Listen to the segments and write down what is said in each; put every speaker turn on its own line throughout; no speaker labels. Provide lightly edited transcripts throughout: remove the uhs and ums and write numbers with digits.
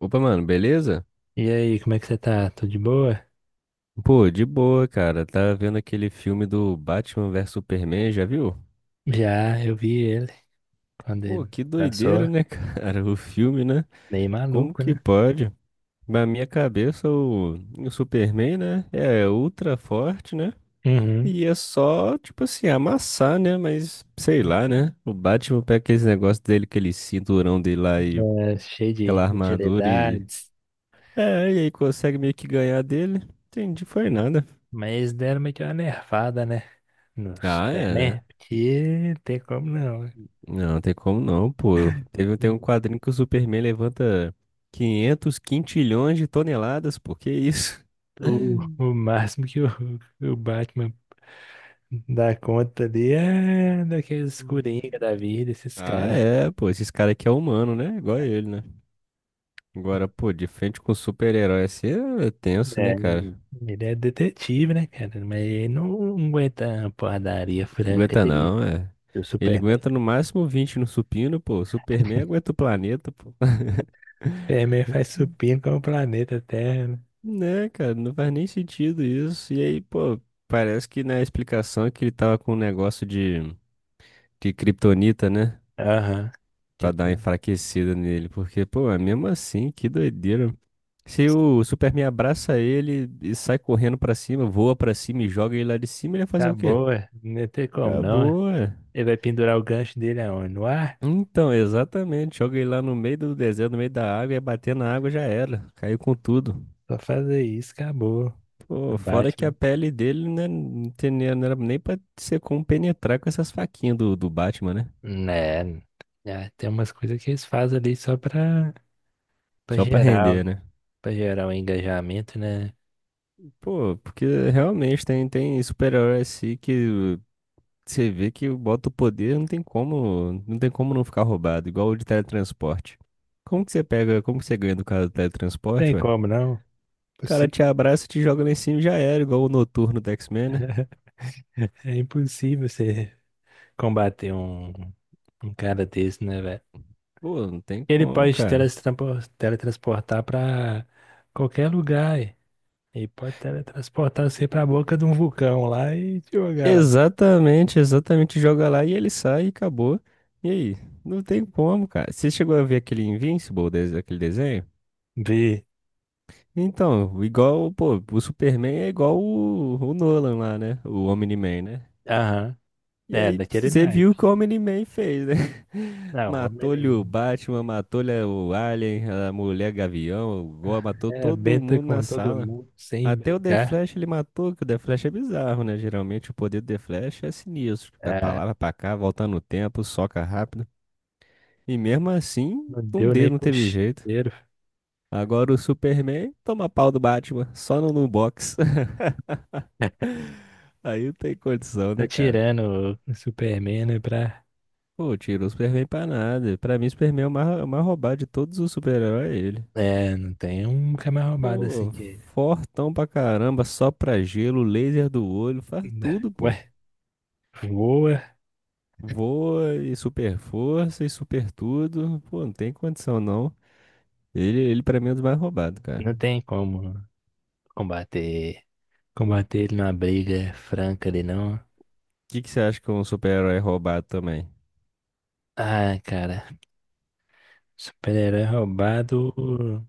Opa, mano, beleza?
E aí, como é que você tá? Tudo de boa?
Pô, de boa, cara. Tá vendo aquele filme do Batman versus Superman, já viu?
Já, eu vi ele quando
Pô,
ele
que doideira,
lançou,
né, cara? O filme, né?
meio
Como
maluco,
que
né?
pode? Na minha cabeça, o Superman, né? É ultra forte, né?
Uhum.
E é só, tipo assim, amassar, né? Mas sei lá, né? O Batman pega aquele negócio dele, aquele cinturão dele lá e
É, cheio
aquela
de
armadura e.
utilidades,
É, e aí consegue meio que ganhar dele. Entendi, foi nada.
mas deram meio que uma nervada, né? No
Ah, é,
Superman,
né?
porque não tem como não, né?
Não, não tem como não, pô. Eu- Teve, tem um quadrinho que o Superman levanta 500 quintilhões de toneladas, pô. Que isso?
O, o máximo que o Batman dá conta ali é daqueles
Hum.
coringa da vida, esses
Ah,
caras.
é, pô. Esses caras aqui é humano, né? Igual ele, né? Agora, pô, de frente com super-herói assim é tenso, né,
É,
cara?
ele é detetive, né, cara? Mas ele não aguenta uma porradaria
Não
franca
aguenta
ali.
não, é.
O
Ele
Superman.
aguenta no máximo 20 no supino, pô. O Superman aguenta o planeta, pô.
Superman faz supino com o planeta Terra, né?
Né, cara, não faz nem sentido isso. E aí, pô, parece que na explicação é que ele tava com um negócio de. De Kryptonita, né?
Aham.
Pra dar uma
Tita-
enfraquecida nele. Porque, pô, é mesmo assim, que doideira. Se o Superman abraça ele e sai correndo pra cima, voa pra cima e joga ele lá de cima, ele vai fazer o quê?
Acabou, é. Não tem como não, é.
Acabou, é.
Ele vai pendurar o gancho dele aonde? No ar?
Então, exatamente. Joga ele lá no meio do deserto, no meio da água, e bater na água já era. Caiu com tudo.
Só fazer isso, acabou.
Pô,
No
fora que a
Batman.
pele dele, né, não tem nem- não era nem pra ser como penetrar com essas faquinhas do Batman, né?
Né. né, tem umas coisas que eles fazem ali só pra
Só pra render, né?
gerar o engajamento, né?
Pô, porque realmente tem super-herói assim que você vê que bota o poder, não tem como, não tem como não ficar roubado, igual o de teletransporte. Como que você pega, como que você ganha do cara do teletransporte,
Tem
ué?
como não.
O cara
Possi-
te abraça, te joga lá em cima e já era, igual o Noturno do X-Men, né?
É impossível você combater um cara desse, né, velho?
Pô, não tem
Ele
como,
pode
cara.
teletransportar para qualquer lugar. E pode teletransportar você para a boca de um vulcão lá e te jogar lá.
Exatamente, exatamente, joga lá e ele sai e acabou. E aí? Não tem como, cara. Você chegou a ver aquele Invincible, des- aquele desenho?
Vi.
Então, igual, pô, o Superman é igual o Nolan lá, né? O Omni-Man, né?
Aham.
E
É,
aí
daquele
você
naipe.
viu como ele man fez, né?
Não, homem
Matou-lhe o
nenhum.
Batman, matou-lhe o Alien, a mulher Gavião, o Goa,
Ah,
matou
é,
todo
benta
mundo na
com todo
sala.
mundo sem
Até o The
brincar.
Flash ele matou, que o The Flash é bizarro, né? Geralmente o poder do The Flash é sinistro. Vai pra
Ah,
lá, vai pra cá, volta no tempo, soca rápido. E mesmo assim,
não
um
deu nem
dedo não
pro
teve jeito.
cheiro.
Agora o Superman toma pau do Batman, só no, no box. Aí não tem condição,
Tá
né, cara?
tirando o Superman, né, pra...
Pô, tiro o Superman pra nada. Pra mim, o Superman é o mais roubado de todos os super-heróis, é ele.
É, não tem um camarada roubado assim
Pô,
que...
fortão pra caramba, só pra gelo, laser do olho, faz tudo,
Ué,
pô.
voa.
Voa e super força e super tudo. Pô, não tem condição não. Ele pra mim é um dos mais roubados, cara.
Não
O
tem como combater. Combater ele numa briga franca ali, não.
que que você acha que é um super-herói é roubado também?
Ah, cara. Super-herói roubado. O,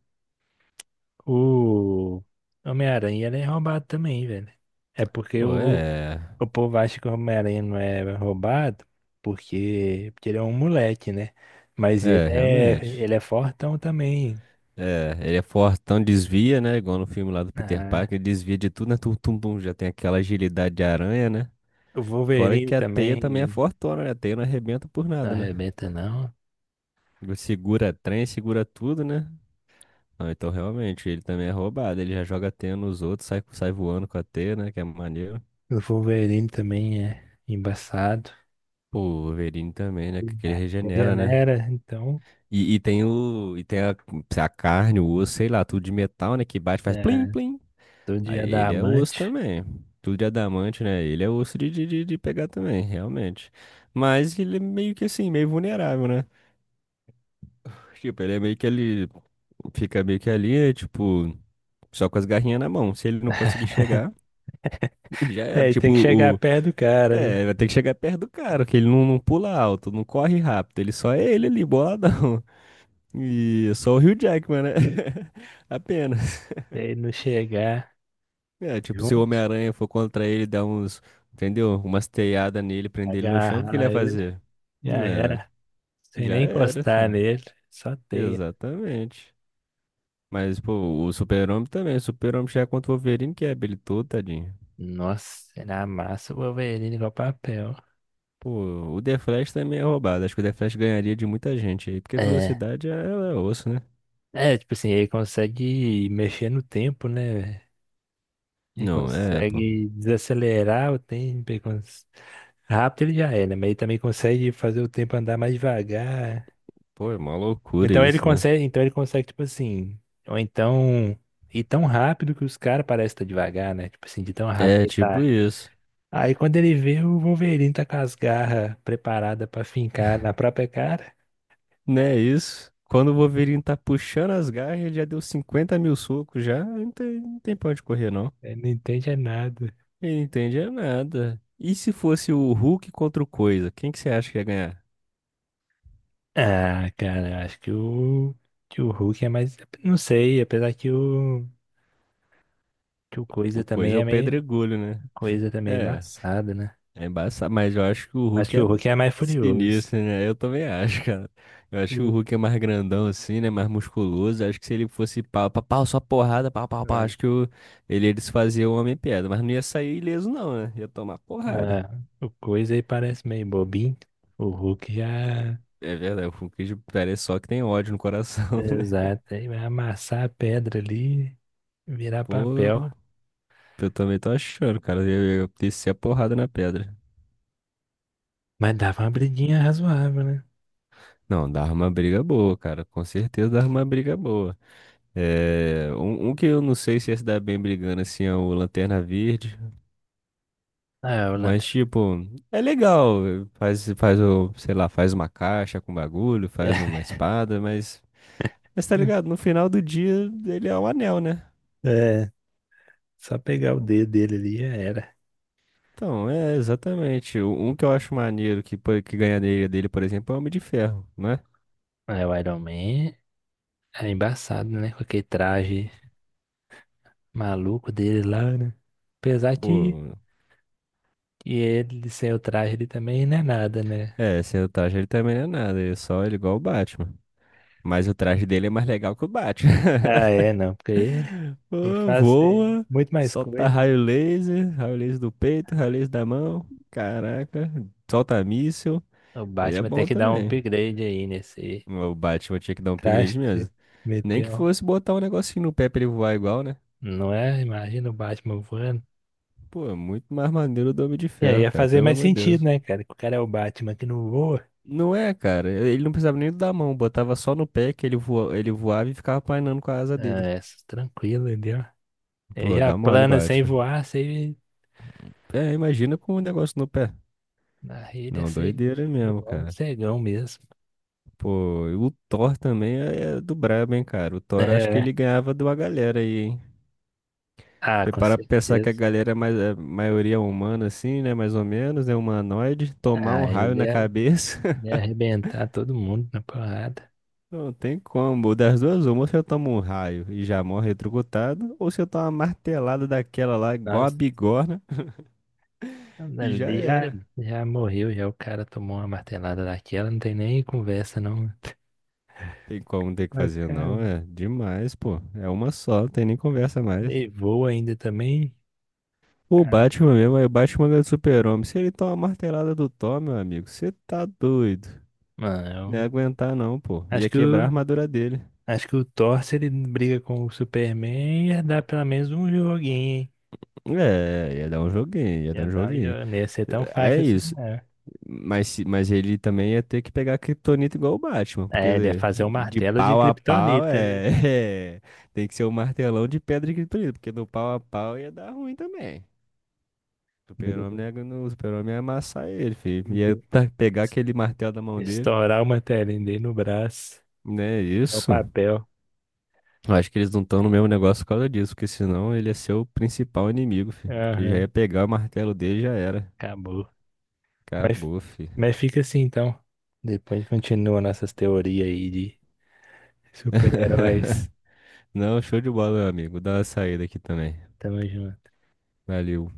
o Homem-Aranha ele é roubado também, velho. É porque
Pô,
o,
é.
o povo acha que o Homem-Aranha não é roubado porque ele é um moleque, né? Mas ele
É,
é,
realmente.
ele é fortão também.
É, ele é fortão, desvia, né? Igual no filme lá do Peter
Ah,
Parker, ele desvia de tudo, né? Tum, tum, tum, já tem aquela agilidade de aranha, né?
o
Fora
Wolverine
que a teia também é
também
fortona, né? A teia não arrebenta por
não
nada, né?
arrebenta, não.
Ele segura trem, segura tudo, né? Ah, então realmente, ele também é roubado. Ele já joga teia nos outros, sai, sai voando com a teia, né? Que é maneiro.
O Wolverine também é embaçado.
Pô, o Wolverine também, né? Que ele regenera,
Ele
né?
era então.
E tem o. E tem a carne, o osso, sei lá, tudo de metal, né? Que bate, faz plim,
É.
plim.
Do dia
Aí
é da
ele é osso
amante.
também. Tudo de adamante, né? Ele é osso de pegar também, realmente. Mas ele é meio que assim, meio vulnerável, né? Tipo, ele é meio que ele. Fica meio que ali, é tipo, só com as garrinhas na mão. Se ele não conseguir chegar, já era.
É, e
Tipo,
tem que chegar
o.
perto do cara, né?
É, vai ter que chegar perto do cara, que ele não pula alto, não corre rápido. Ele só é ele ali, boladão. E é só o Hugh Jackman, né? Apenas.
Se ele não chegar
É, tipo, se o
junto,
Homem-Aranha for contra ele, dar uns. Entendeu? Umas teiadas nele, prender ele no chão, o que que ele
agarrar
ia
ele,
fazer?
já
É,
era. Sem
já
nem
era,
encostar
filho.
nele, só teia.
Exatamente. Mas, pô, o Super-Homem também. O Super-Homem já é contra o Wolverine, que é habilidoso, tadinho.
Nossa, ele amassa o Wolverine igual papel.
Pô, o The Flash também é roubado. Acho que o The Flash ganharia de muita gente aí, porque a
É,
velocidade é, é osso, né?
é, tipo assim, ele consegue mexer no tempo, né, velho? Ele
Não, é, pô.
consegue desacelerar o tempo. Ele cons- Rápido ele já é, né? Mas ele também consegue fazer o tempo andar mais devagar.
Pô, é uma loucura
Então ele
isso, né?
consegue, então ele consegue, tipo assim, ou então ir tão rápido que os caras parecem estar devagar, né? Tipo assim, de tão rápido
É
que
tipo
tá.
isso.
Aí quando ele vê, o Wolverine tá com as garras preparadas pra fincar na própria cara,
Né, isso. Quando o Wolverine tá puxando as garras, ele já deu 50.000 socos já. Não tem, não tem pra onde correr, não.
ele não entende é nada.
Ele não entende é nada. E se fosse o Hulk contra o Coisa? Quem que você acha que ia ganhar?
Ah, cara, eu acho que o Hulk é mais. Não sei, apesar que o Coisa
O Coisa
também
é o
é meio.
pedregulho, né?
Coisa também
É.
é, né?
É embaçado, mas eu acho que o
Acho
Hulk
que
é
o Hulk é mais furioso.
sinistro, né? Eu também acho, cara. Eu acho que o Hulk é mais grandão assim, né? Mais musculoso. Acho que se ele fosse pau, pau, pau, só porrada, pau, pau, pau. Acho que o... Ele ia desfazer o Homem-Pedra. Mas não ia sair ileso, não, né? Ia tomar porrada.
É, o coisa aí parece meio bobinho. O Hulk já.
É verdade, o Hulk parece só que tem ódio no coração, né?
Exato, aí vai amassar a pedra ali, e virar papel.
Pô, eu também tô achando, cara. Eu ia descer a porrada na pedra.
Mas dava uma briguinha razoável, né?
Não, dava uma briga boa, cara. Com certeza dava uma briga boa. É, um que eu não sei se ia se dar bem brigando assim é o Lanterna Verde,
Ah, é, o
mas
Lanterna.
tipo, é legal, faz o, sei lá, faz uma caixa com bagulho, faz uma espada, mas, tá ligado, no final do dia ele é o anel, né?
É, só pegar o dedo dele ali já era.
Então, é exatamente. Um que eu acho maneiro que, pô- que ganharia dele, por exemplo, é o Homem de Ferro, né?
Aí o Iron Man é embaçado, né? Com aquele traje maluco dele lá, né? Apesar que,
Pô,
que ele sem o traje ele também não é nada, né?
é, sem o traje ele também não é nada, ele é só ele é igual o Batman. Mas o traje dele é mais legal que o Batman.
Ah, é, não, porque ele
Pô,
faz é,
voa,
muito mais
solta
coisa.
raio laser do peito, raio laser da mão. Caraca, solta míssil.
O
Ele é
Batman tem
bom
que dar um
também.
upgrade aí nesse
O Batman tinha que dar um
traje
upgrade
que você
mesmo. Nem que
meteu.
fosse botar um negocinho no pé pra ele voar igual, né?
Não é? Imagina o Batman voando.
Pô, é muito mais maneiro do Homem de
E aí
Ferro,
ia
cara,
fazer
pelo
mais
amor de
sentido,
Deus.
né, cara? Que o cara é o Batman que não voa.
Não é, cara. Ele não precisava nem da mão, botava só no pé que ele voa, ele voava e ficava planeando com a asa dele.
É, s- tranquilo, entendeu? Ele
Pô,
já
dá mole o
plana sem
Batman.
voar, sem...
É, imagina com um negócio no pé.
Na rede é
Não,
sem...
doideira
é
mesmo,
igual um
cara.
cegão mesmo.
Pô, e o Thor também é do brabo, hein, cara. O Thor
É,
acho que
né?
ele ganhava de uma galera aí, hein?
Ah,
E
com
para pensar que a
certeza.
galera é mais, é maioria humana, assim, né? Mais ou menos, é humanoide. Tomar um
Ah,
raio
ele
na
ia,
cabeça,
ia arrebentar todo mundo na porrada.
não tem como. Das duas, uma, ou se eu tomo um raio e já morro eletrocutado, ou se eu tomo uma martelada daquela lá, igual a
Nossa,
bigorna, e já
ele já,
era.
já morreu, já o cara tomou uma martelada daquela, não tem nem conversa, não.
Tem como ter que fazer,
Bacana.
não, é demais, pô. É uma só, não tem nem conversa mais.
E voa ainda também.
O
Cara,
Batman mesmo, aí o Batman ganha do Super-Homem. Se ele tomar uma martelada do Thor, meu amigo, você tá doido. Não ia
mano,
aguentar não, pô.
eu
Ia
acho que
quebrar a
o,
armadura dele.
acho que o Thor, se ele briga com o Superman, ia dar pelo menos um joguinho, hein?
É, ia dar um joguinho, ia dar
Ia
um
dar um
joguinho.
jogo. Não ia ser tão
É
fácil assim,
isso.
não.
Mas, se- mas ele também ia ter que pegar a Kryptonita igual o Batman,
É, ele ia
porque
fazer um
de
martelo de
pau a pau
Kryptonita, né?
é, é, tem que ser um martelão de pedra de Kryptonita, porque no pau a pau ia dar ruim também. O
Mas
Super-Homem não
ele
ia gan- o Super-Homem ia amassar ele, filho.
ia
Ia tá- pegar aquele martelo da mão dele.
estourar o martelinho dele no braço,
Né,
no
isso.
papel.
Eu acho que eles não estão no mesmo negócio por causa disso, porque senão ele ia ser o principal inimigo, fi. Porque já
Aham,
ia pegar o martelo dele e já era.
acabou. Mas,
Acabou, fi.
mas fica assim, então. Depois continua nossas teorias aí de super-heróis.
Não, show de bola, meu amigo. Vou dar uma saída aqui também.
Tamo junto.
Valeu.